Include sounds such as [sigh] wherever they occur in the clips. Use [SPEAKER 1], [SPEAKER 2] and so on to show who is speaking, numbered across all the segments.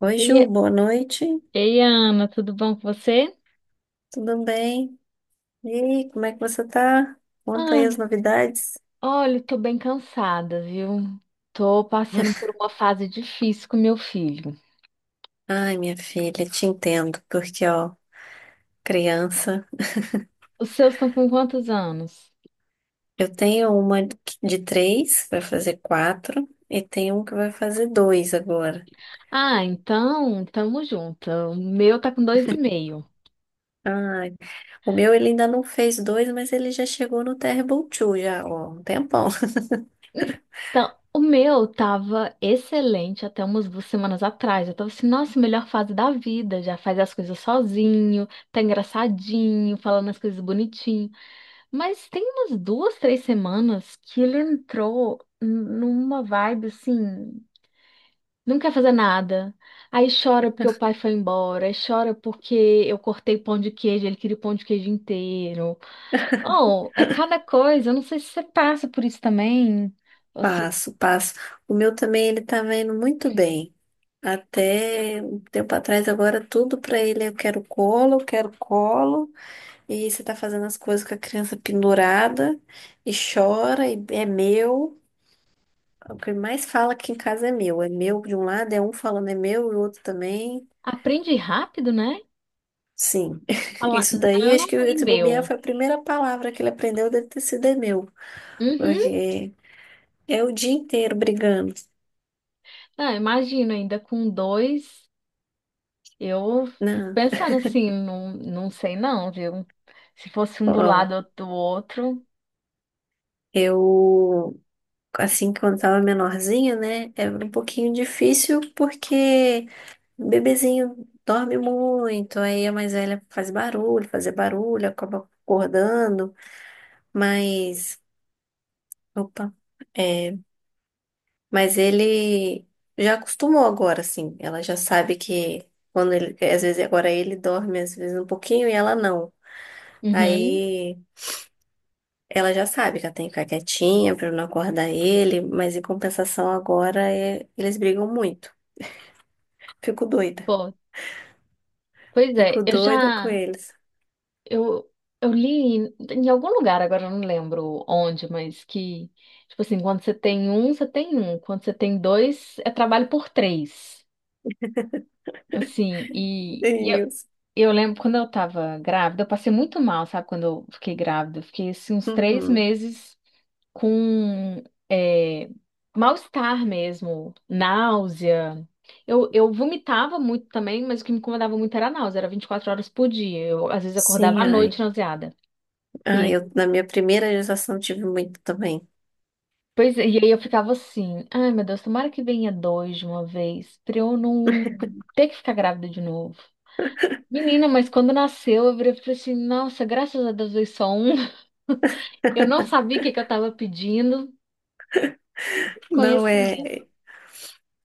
[SPEAKER 1] Oi, Ju,
[SPEAKER 2] Ei,
[SPEAKER 1] boa noite.
[SPEAKER 2] ei, Ana, tudo bom com você?
[SPEAKER 1] Tudo bem? E aí, como é que você tá? Conta aí
[SPEAKER 2] Ah,
[SPEAKER 1] as novidades.
[SPEAKER 2] olha, tô bem cansada, viu? Tô passando por
[SPEAKER 1] [laughs]
[SPEAKER 2] uma fase difícil com meu filho.
[SPEAKER 1] Ai, minha filha, te entendo, porque, ó, criança,
[SPEAKER 2] Os seus estão com quantos anos?
[SPEAKER 1] eu tenho uma de três, vai fazer quatro, e tem um que vai fazer dois agora.
[SPEAKER 2] Ah, então, tamo junto. O meu tá com dois e meio.
[SPEAKER 1] Ai, o meu ele ainda não fez dois, mas ele já chegou no Terrible Two, já, ó, um tempão.
[SPEAKER 2] Então, o meu tava excelente até umas 2 semanas atrás. Eu tava assim, nossa, melhor fase da vida. Já faz as coisas sozinho, tá engraçadinho, falando as coisas bonitinho. Mas tem umas duas, três semanas que ele entrou numa vibe assim, não quer fazer nada. Aí chora porque o pai foi embora, aí chora porque eu cortei pão de queijo, ele queria o pão de queijo inteiro. Oh, é cada coisa, eu não sei se você passa por isso também. Você
[SPEAKER 1] Passo, passo. O meu também, ele tá indo muito bem. Até um tempo atrás, agora tudo pra ele, eu quero colo, eu quero colo. E você tá fazendo as coisas com a criança pendurada e chora e é meu. O que ele mais fala aqui em casa é meu. É meu de um lado, é um falando é meu e o outro também.
[SPEAKER 2] aprende rápido, né?
[SPEAKER 1] Sim. [laughs]
[SPEAKER 2] Falar
[SPEAKER 1] Isso daí,
[SPEAKER 2] não
[SPEAKER 1] acho que
[SPEAKER 2] e
[SPEAKER 1] esse bobear
[SPEAKER 2] meu.
[SPEAKER 1] foi a primeira palavra que ele aprendeu, deve ter sido é meu.
[SPEAKER 2] Uhum.
[SPEAKER 1] Porque é o dia inteiro brigando.
[SPEAKER 2] Ah, imagina ainda com dois. Eu fico
[SPEAKER 1] Não,
[SPEAKER 2] pensando assim, não, não sei não, viu? Se fosse um do
[SPEAKER 1] ó,
[SPEAKER 2] lado, outro do outro.
[SPEAKER 1] eu assim, quando tava menorzinho, né? Era um pouquinho difícil porque o bebezinho dorme muito, aí a mais velha faz barulho, fazer barulho, acaba acordando, mas, opa, é, mas ele já acostumou agora, assim, ela já sabe que quando ele, às vezes agora ele dorme, às vezes um pouquinho e ela não.
[SPEAKER 2] Uhum.
[SPEAKER 1] Aí ela já sabe que ela tem que ficar quietinha pra não acordar ele, mas em compensação agora é- eles brigam muito. Fico doida.
[SPEAKER 2] Pô, pois
[SPEAKER 1] Fico
[SPEAKER 2] é, eu
[SPEAKER 1] doida com
[SPEAKER 2] já.
[SPEAKER 1] eles.
[SPEAKER 2] Eu, eu li em algum lugar, agora eu não lembro onde, mas que, tipo assim, quando você tem um, você tem um. Quando você tem dois, é trabalho por três. Assim, e,
[SPEAKER 1] É
[SPEAKER 2] e eu,
[SPEAKER 1] isso.
[SPEAKER 2] eu lembro quando eu tava grávida, eu passei muito mal, sabe? Quando eu fiquei grávida, eu fiquei assim, uns três
[SPEAKER 1] Uhum.
[SPEAKER 2] meses. com é, mal-estar mesmo, náusea. Eu vomitava muito também, mas o que me incomodava muito era a náusea, era 24 horas por dia. Eu, às vezes, acordava
[SPEAKER 1] Sim,
[SPEAKER 2] à
[SPEAKER 1] ai.
[SPEAKER 2] noite nauseada. E
[SPEAKER 1] Ai,
[SPEAKER 2] aí,
[SPEAKER 1] eu na minha primeira gestação tive muito também.
[SPEAKER 2] pois, é, e aí eu ficava assim, ai meu Deus, tomara que venha dois de uma vez, pra eu não ter que ficar grávida de novo. Menina, mas quando nasceu, eu virei e falei assim, nossa, graças a Deus veio só um. [laughs] Eu não sabia o que que eu tava pedindo.
[SPEAKER 1] Não
[SPEAKER 2] Conhecimento.
[SPEAKER 1] é.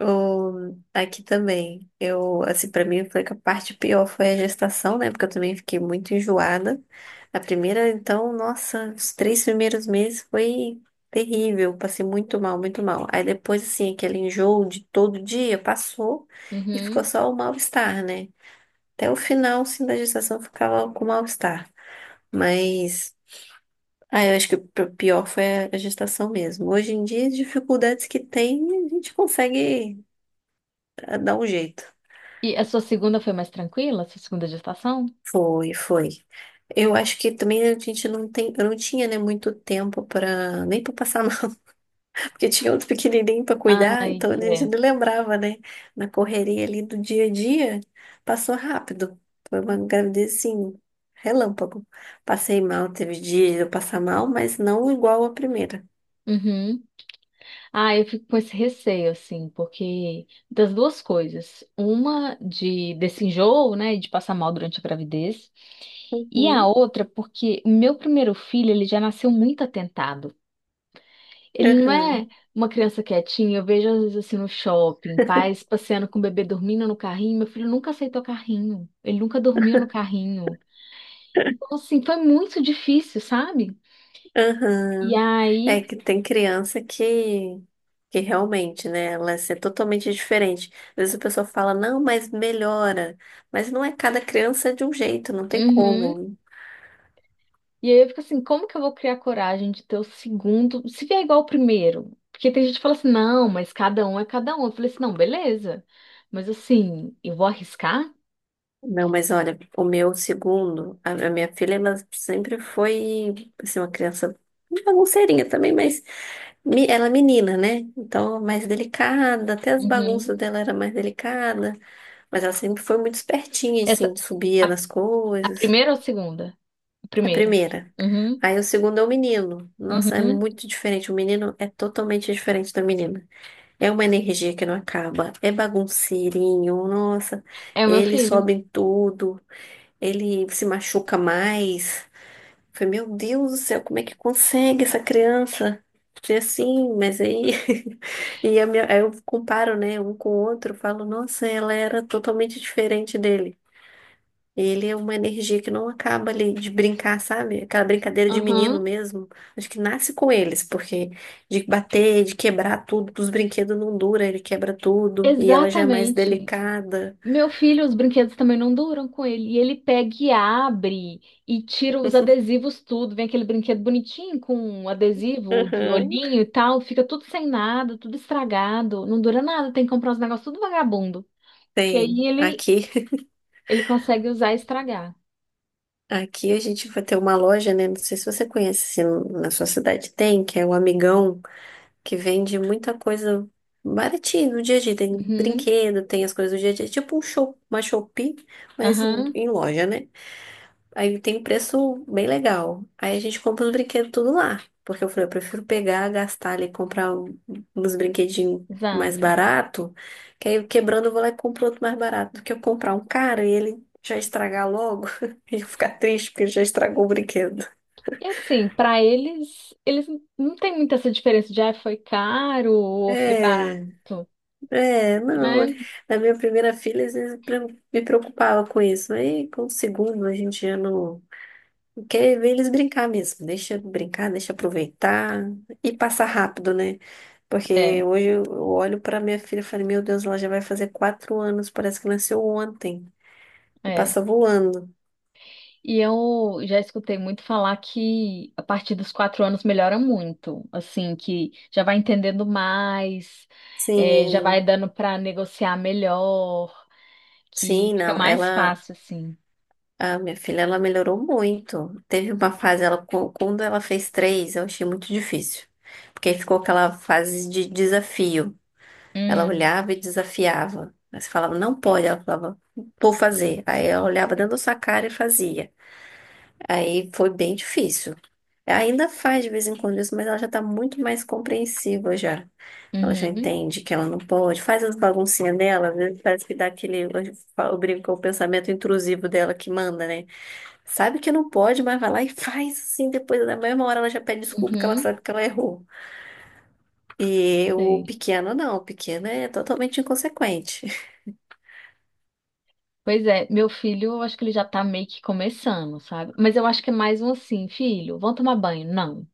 [SPEAKER 1] O, aqui também. Eu, assim, pra mim foi que a parte pior foi a gestação, né? Porque eu também fiquei muito enjoada. A primeira, então, nossa, os três primeiros meses foi terrível. Passei muito mal, muito mal. Aí depois, assim, aquele enjoo de todo dia passou e ficou
[SPEAKER 2] Uhum.
[SPEAKER 1] só o mal-estar, né? Até o final, sim, da gestação ficava com mal-estar. Mas, ah, eu acho que o pior foi a gestação mesmo. Hoje em dia, as dificuldades que tem, a gente consegue ah, dar um jeito.
[SPEAKER 2] E a sua segunda foi mais tranquila? A sua segunda gestação?
[SPEAKER 1] Foi, foi. Eu acho que também a gente não tem, eu não tinha, né, muito tempo para nem para passar. Porque tinha outro pequenininho para cuidar,
[SPEAKER 2] Ai,
[SPEAKER 1] então a
[SPEAKER 2] que
[SPEAKER 1] gente
[SPEAKER 2] é.
[SPEAKER 1] não lembrava, né? Na correria ali do dia a dia, passou rápido. Foi uma gravidez, assim, relâmpago. Passei mal, teve dia de eu passar mal, mas não igual a primeira.
[SPEAKER 2] Uhum. Ah, eu fico com esse receio, assim, porque das duas coisas. Uma de desse enjoo, né, de passar mal durante a gravidez. E a
[SPEAKER 1] Uhum,
[SPEAKER 2] outra, porque o meu primeiro filho, ele já nasceu muito atentado. Ele não
[SPEAKER 1] aham,
[SPEAKER 2] é uma criança quietinha. Eu vejo, às vezes, assim, no shopping, pais passeando com o bebê dormindo no carrinho. Meu filho nunca aceitou carrinho. Ele nunca dormiu no carrinho. Então, assim, foi muito difícil, sabe? E
[SPEAKER 1] aham.
[SPEAKER 2] aí.
[SPEAKER 1] É que tem criança que realmente, né? Ela é totalmente diferente. Às vezes a pessoa fala, não, mas melhora. Mas não é, cada criança é de um jeito, não tem
[SPEAKER 2] Uhum.
[SPEAKER 1] como.
[SPEAKER 2] E aí eu fico assim, como que eu vou criar coragem de ter o segundo, se vier igual ao primeiro? Porque tem gente que fala assim, não, mas cada um é cada um. Eu falei assim, não, beleza. Mas assim, eu vou arriscar?
[SPEAKER 1] Não, mas olha, o meu segundo, a minha filha, ela sempre foi, assim, uma criança bagunceirinha também, mas me- ela é menina, né? Então, mais delicada, até as bagunças
[SPEAKER 2] Uhum.
[SPEAKER 1] dela era mais delicada, mas ela sempre foi muito espertinha,
[SPEAKER 2] Essa,
[SPEAKER 1] assim, subia
[SPEAKER 2] a,
[SPEAKER 1] nas
[SPEAKER 2] a
[SPEAKER 1] coisas.
[SPEAKER 2] primeira ou a segunda? A
[SPEAKER 1] A
[SPEAKER 2] primeira.
[SPEAKER 1] primeira.
[SPEAKER 2] Uhum.
[SPEAKER 1] Aí o segundo é o menino. Nossa, é
[SPEAKER 2] Uhum.
[SPEAKER 1] muito diferente. O menino é totalmente diferente da menina. É uma energia que não acaba, é bagunceirinho, nossa,
[SPEAKER 2] É o meu
[SPEAKER 1] ele
[SPEAKER 2] filho.
[SPEAKER 1] sobe em tudo. Ele se machuca mais. Falei, meu Deus do céu, como é que consegue essa criança ser assim? Mas aí, [laughs] e a minha- aí eu comparo, né, um com o outro, falo, nossa, ela era totalmente diferente dele. Ele é uma energia que não acaba ali de brincar, sabe? Aquela brincadeira de menino
[SPEAKER 2] Uhum.
[SPEAKER 1] mesmo. Acho que nasce com eles, porque de bater, de quebrar tudo, dos brinquedos não dura, ele quebra tudo, e ela já é mais
[SPEAKER 2] Exatamente.
[SPEAKER 1] delicada.
[SPEAKER 2] Meu filho, os brinquedos também não duram com ele. E ele pega e abre e tira os adesivos tudo. Vem aquele brinquedo bonitinho com um adesivo de
[SPEAKER 1] Uhum.
[SPEAKER 2] olhinho e tal. Fica tudo sem nada, tudo estragado. Não dura nada, tem que comprar os negócios tudo vagabundo. Que aí
[SPEAKER 1] Tem.
[SPEAKER 2] ele,
[SPEAKER 1] Aqui
[SPEAKER 2] ele consegue usar e estragar.
[SPEAKER 1] Aqui a gente vai ter uma loja, né? Não sei se você conhece, se na sua cidade tem, que é o Amigão, que vende muita coisa baratinha no dia a dia. Tem
[SPEAKER 2] Uhum,
[SPEAKER 1] brinquedo, tem as coisas do dia a dia. Tipo um show, uma Shopee, mas
[SPEAKER 2] aham,
[SPEAKER 1] em loja, né? Aí tem um preço bem legal. Aí a gente compra os brinquedos tudo lá. Porque eu falei, eu prefiro pegar, gastar ali, comprar um- uns brinquedinhos mais
[SPEAKER 2] exato.
[SPEAKER 1] barato, que aí quebrando eu vou lá e compro outro mais barato, do que eu comprar um caro e ele já estragar logo [laughs] e eu ficar triste porque já estragou o brinquedo.
[SPEAKER 2] E assim, pra eles, eles não tem muita essa diferença de ah, foi caro ou foi
[SPEAKER 1] É,
[SPEAKER 2] barato,
[SPEAKER 1] é, não.
[SPEAKER 2] né?
[SPEAKER 1] Na minha primeira filha, às vezes eu pre- me preocupava com isso. Aí com o segundo a gente já não. Quer ver eles brincar mesmo. Deixa brincar, deixa aproveitar e passar rápido, né? Porque
[SPEAKER 2] É,
[SPEAKER 1] hoje eu olho pra minha filha e falo, meu Deus, ela já vai fazer 4 anos, parece que nasceu ontem e
[SPEAKER 2] é.
[SPEAKER 1] passa voando.
[SPEAKER 2] E eu já escutei muito falar que a partir dos 4 anos melhora muito, assim, que já vai entendendo mais, já vai
[SPEAKER 1] Sim,
[SPEAKER 2] dando para negociar melhor, que
[SPEAKER 1] sim,
[SPEAKER 2] fica
[SPEAKER 1] não.
[SPEAKER 2] mais
[SPEAKER 1] Ela,
[SPEAKER 2] fácil, assim.
[SPEAKER 1] a minha filha, ela melhorou muito. Teve uma fase, ela, qu- quando ela fez três, eu achei muito difícil. Porque aí ficou aquela fase de desafio. Ela
[SPEAKER 2] Hum,
[SPEAKER 1] olhava e desafiava. Aí você falava, não pode. Ela falava, vou fazer. Aí ela olhava dentro da sua cara e fazia. Aí foi bem difícil. Ainda faz de vez em quando isso, mas ela já tá muito mais compreensiva já. Ela já
[SPEAKER 2] uhum,
[SPEAKER 1] entende que ela não pode. Faz as baguncinhas dela, às vezes parece que dá aquele. Eu brinco com o pensamento intrusivo dela que manda, né? Sabe que não pode, mas vai lá e faz assim. Depois, na mesma hora, ela já pede desculpa porque ela
[SPEAKER 2] uhum,
[SPEAKER 1] sabe que ela errou. E o
[SPEAKER 2] sei.
[SPEAKER 1] pequeno, não. O pequeno é totalmente inconsequente. [laughs]
[SPEAKER 2] Pois é, meu filho, eu acho que ele já tá meio que começando, sabe? Mas eu acho que é mais um assim, filho, vão tomar banho? Não.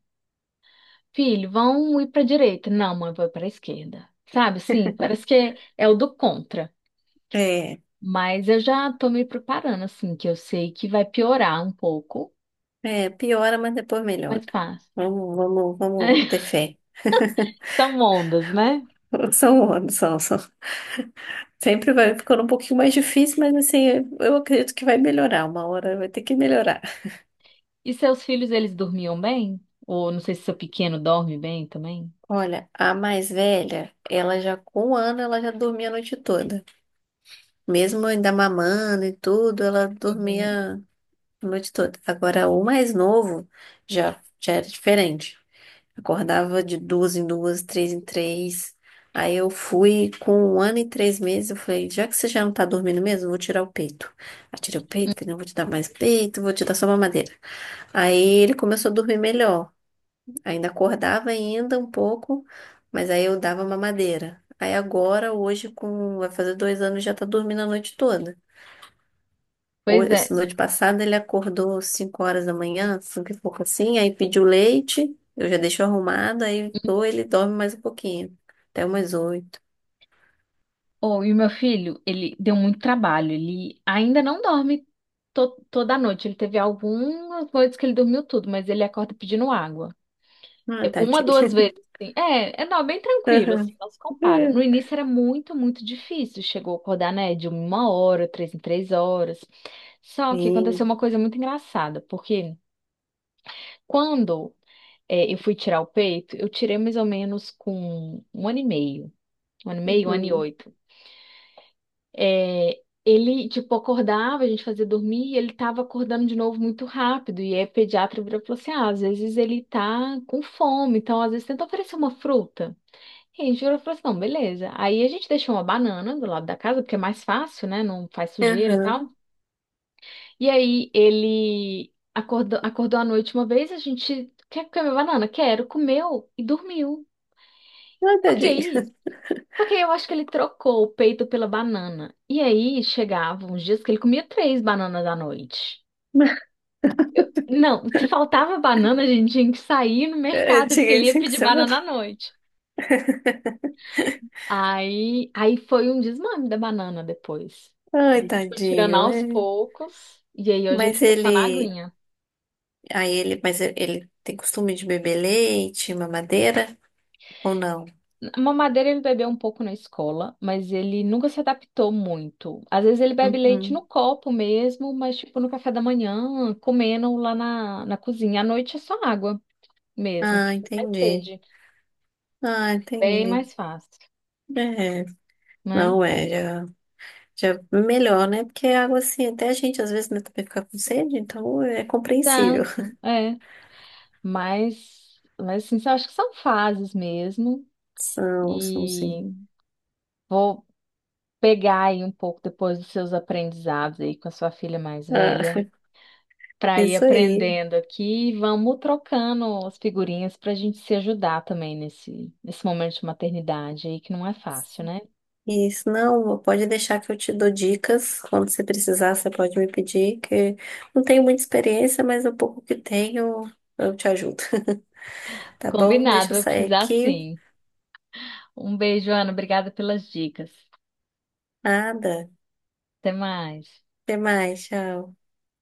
[SPEAKER 2] Filho, vão ir pra direita? Não, mãe, vou pra esquerda. Sabe, assim, parece que é o do contra.
[SPEAKER 1] É.
[SPEAKER 2] Mas eu já tô me preparando, assim, que eu sei que vai piorar um pouco,
[SPEAKER 1] É, piora, mas depois melhora.
[SPEAKER 2] mas passa.
[SPEAKER 1] Vamos, vamos, vamos ter
[SPEAKER 2] [laughs]
[SPEAKER 1] fé.
[SPEAKER 2] São ondas, né?
[SPEAKER 1] [laughs] São anos, são, são. Sempre vai ficando um pouquinho mais difícil, mas assim, eu acredito que vai melhorar. Uma hora vai ter que melhorar.
[SPEAKER 2] E seus filhos, eles dormiam bem? Ou não sei se seu pequeno dorme bem também?
[SPEAKER 1] Olha, a mais velha, ela já com 1 ano, ela já dormia a noite toda. Mesmo ainda mamando e tudo, ela
[SPEAKER 2] Uhum.
[SPEAKER 1] dormia a noite toda. Agora, o mais novo já, já era diferente. Acordava de duas em duas, três em três. Aí eu fui com 1 ano e 3 meses. Eu falei, já que você já não tá dormindo mesmo, eu vou tirar o peito. Aí tirei o peito, que não vou te dar mais peito, vou te dar só mamadeira. Aí ele começou a dormir melhor. Ainda acordava ainda um pouco, mas aí eu dava mamadeira. Aí agora, hoje, com vai fazer 2 anos, já tá dormindo a noite toda. Ho-
[SPEAKER 2] Pois é.
[SPEAKER 1] Esse noite passada ele acordou 5 horas da manhã, 5 e pouco assim, aí pediu leite, eu já deixo arrumado, aí ou ele dorme mais um pouquinho, até umas 8.
[SPEAKER 2] Oh, e o meu filho, ele deu muito trabalho. Ele ainda não dorme toda noite. Ele teve algumas noites que ele dormiu tudo, mas ele acorda pedindo água.
[SPEAKER 1] Ah,
[SPEAKER 2] É, uma,
[SPEAKER 1] tadinho.
[SPEAKER 2] duas vezes, assim. É, é não, bem
[SPEAKER 1] [laughs]
[SPEAKER 2] tranquilo, assim,
[SPEAKER 1] Aham.
[SPEAKER 2] não se compara. No início era muito, muito difícil. Chegou a acordar, né, de uma hora, 3 em 3 horas. Só que aconteceu
[SPEAKER 1] Sim.
[SPEAKER 2] uma coisa muito engraçada, porque quando eu fui tirar o peito, eu tirei mais ou menos com um ano e meio. Um ano e meio, um ano e
[SPEAKER 1] Uhum.
[SPEAKER 2] oito. É, ele, tipo, acordava, a gente fazia dormir, e ele tava acordando de novo muito rápido. E aí o pediatra virou e falou assim, ah, às vezes ele tá com fome, então às vezes tenta oferecer uma fruta. E a gente virou e falou assim, não, beleza. Aí a gente deixou uma banana do lado da casa, porque é mais fácil, né? Não faz sujeira e
[SPEAKER 1] Uhum.
[SPEAKER 2] tal. E aí ele acordou, à noite uma vez, a gente quer comer banana? Quero, comeu e dormiu.
[SPEAKER 1] Ah,
[SPEAKER 2] Só
[SPEAKER 1] tadinho.
[SPEAKER 2] aí, só que aí eu acho que ele trocou o peito pela banana. E aí chegavam uns dias que ele comia três bananas à noite. Não, se faltava banana, a gente tinha que sair no
[SPEAKER 1] Eu
[SPEAKER 2] mercado, porque
[SPEAKER 1] tinha
[SPEAKER 2] ele ia
[SPEAKER 1] isso que
[SPEAKER 2] pedir
[SPEAKER 1] você falou.
[SPEAKER 2] banana à noite. Aí foi um desmame da banana depois.
[SPEAKER 1] Ai,
[SPEAKER 2] Aí a gente foi tirando
[SPEAKER 1] tadinho. É.
[SPEAKER 2] aos poucos, e aí hoje ele
[SPEAKER 1] Mas
[SPEAKER 2] fica só na
[SPEAKER 1] ele.
[SPEAKER 2] aguinha.
[SPEAKER 1] Aí ele. Mas ele tem costume de beber leite, mamadeira ou não?
[SPEAKER 2] A mamadeira ele bebeu um pouco na escola, mas ele nunca se adaptou muito. Às vezes ele bebe leite
[SPEAKER 1] Uhum.
[SPEAKER 2] no copo mesmo, mas tipo no café da manhã, comendo lá na cozinha. À noite é só água mesmo,
[SPEAKER 1] Ah,
[SPEAKER 2] tipo mais
[SPEAKER 1] entendi.
[SPEAKER 2] sede,
[SPEAKER 1] Ah,
[SPEAKER 2] bem
[SPEAKER 1] entendi.
[SPEAKER 2] mais fácil,
[SPEAKER 1] É.
[SPEAKER 2] né?
[SPEAKER 1] Não é, já. Já é melhor, né? Porque a água, assim, até a gente às vezes né, também fica com sede, então é compreensível.
[SPEAKER 2] Exato, é. Mas assim, eu acho que são fases mesmo.
[SPEAKER 1] São, são
[SPEAKER 2] E
[SPEAKER 1] sim.
[SPEAKER 2] vou pegar aí um pouco depois dos seus aprendizados aí com a sua filha mais
[SPEAKER 1] Ah,
[SPEAKER 2] velha, para ir
[SPEAKER 1] isso aí.
[SPEAKER 2] aprendendo aqui e vamos trocando as figurinhas para a gente se ajudar também nesse momento de maternidade aí, que não é fácil, né?
[SPEAKER 1] Isso, não, pode deixar que eu te dou dicas. Quando você precisar, você pode me pedir, que não tenho muita experiência, mas o pouco que tenho, eu te ajudo. [laughs] Tá bom?
[SPEAKER 2] Combinado,
[SPEAKER 1] Deixa eu
[SPEAKER 2] vai
[SPEAKER 1] sair
[SPEAKER 2] precisar
[SPEAKER 1] aqui.
[SPEAKER 2] sim. Um beijo, Ana. Obrigada pelas dicas.
[SPEAKER 1] Nada.
[SPEAKER 2] Até mais.
[SPEAKER 1] Até mais, tchau.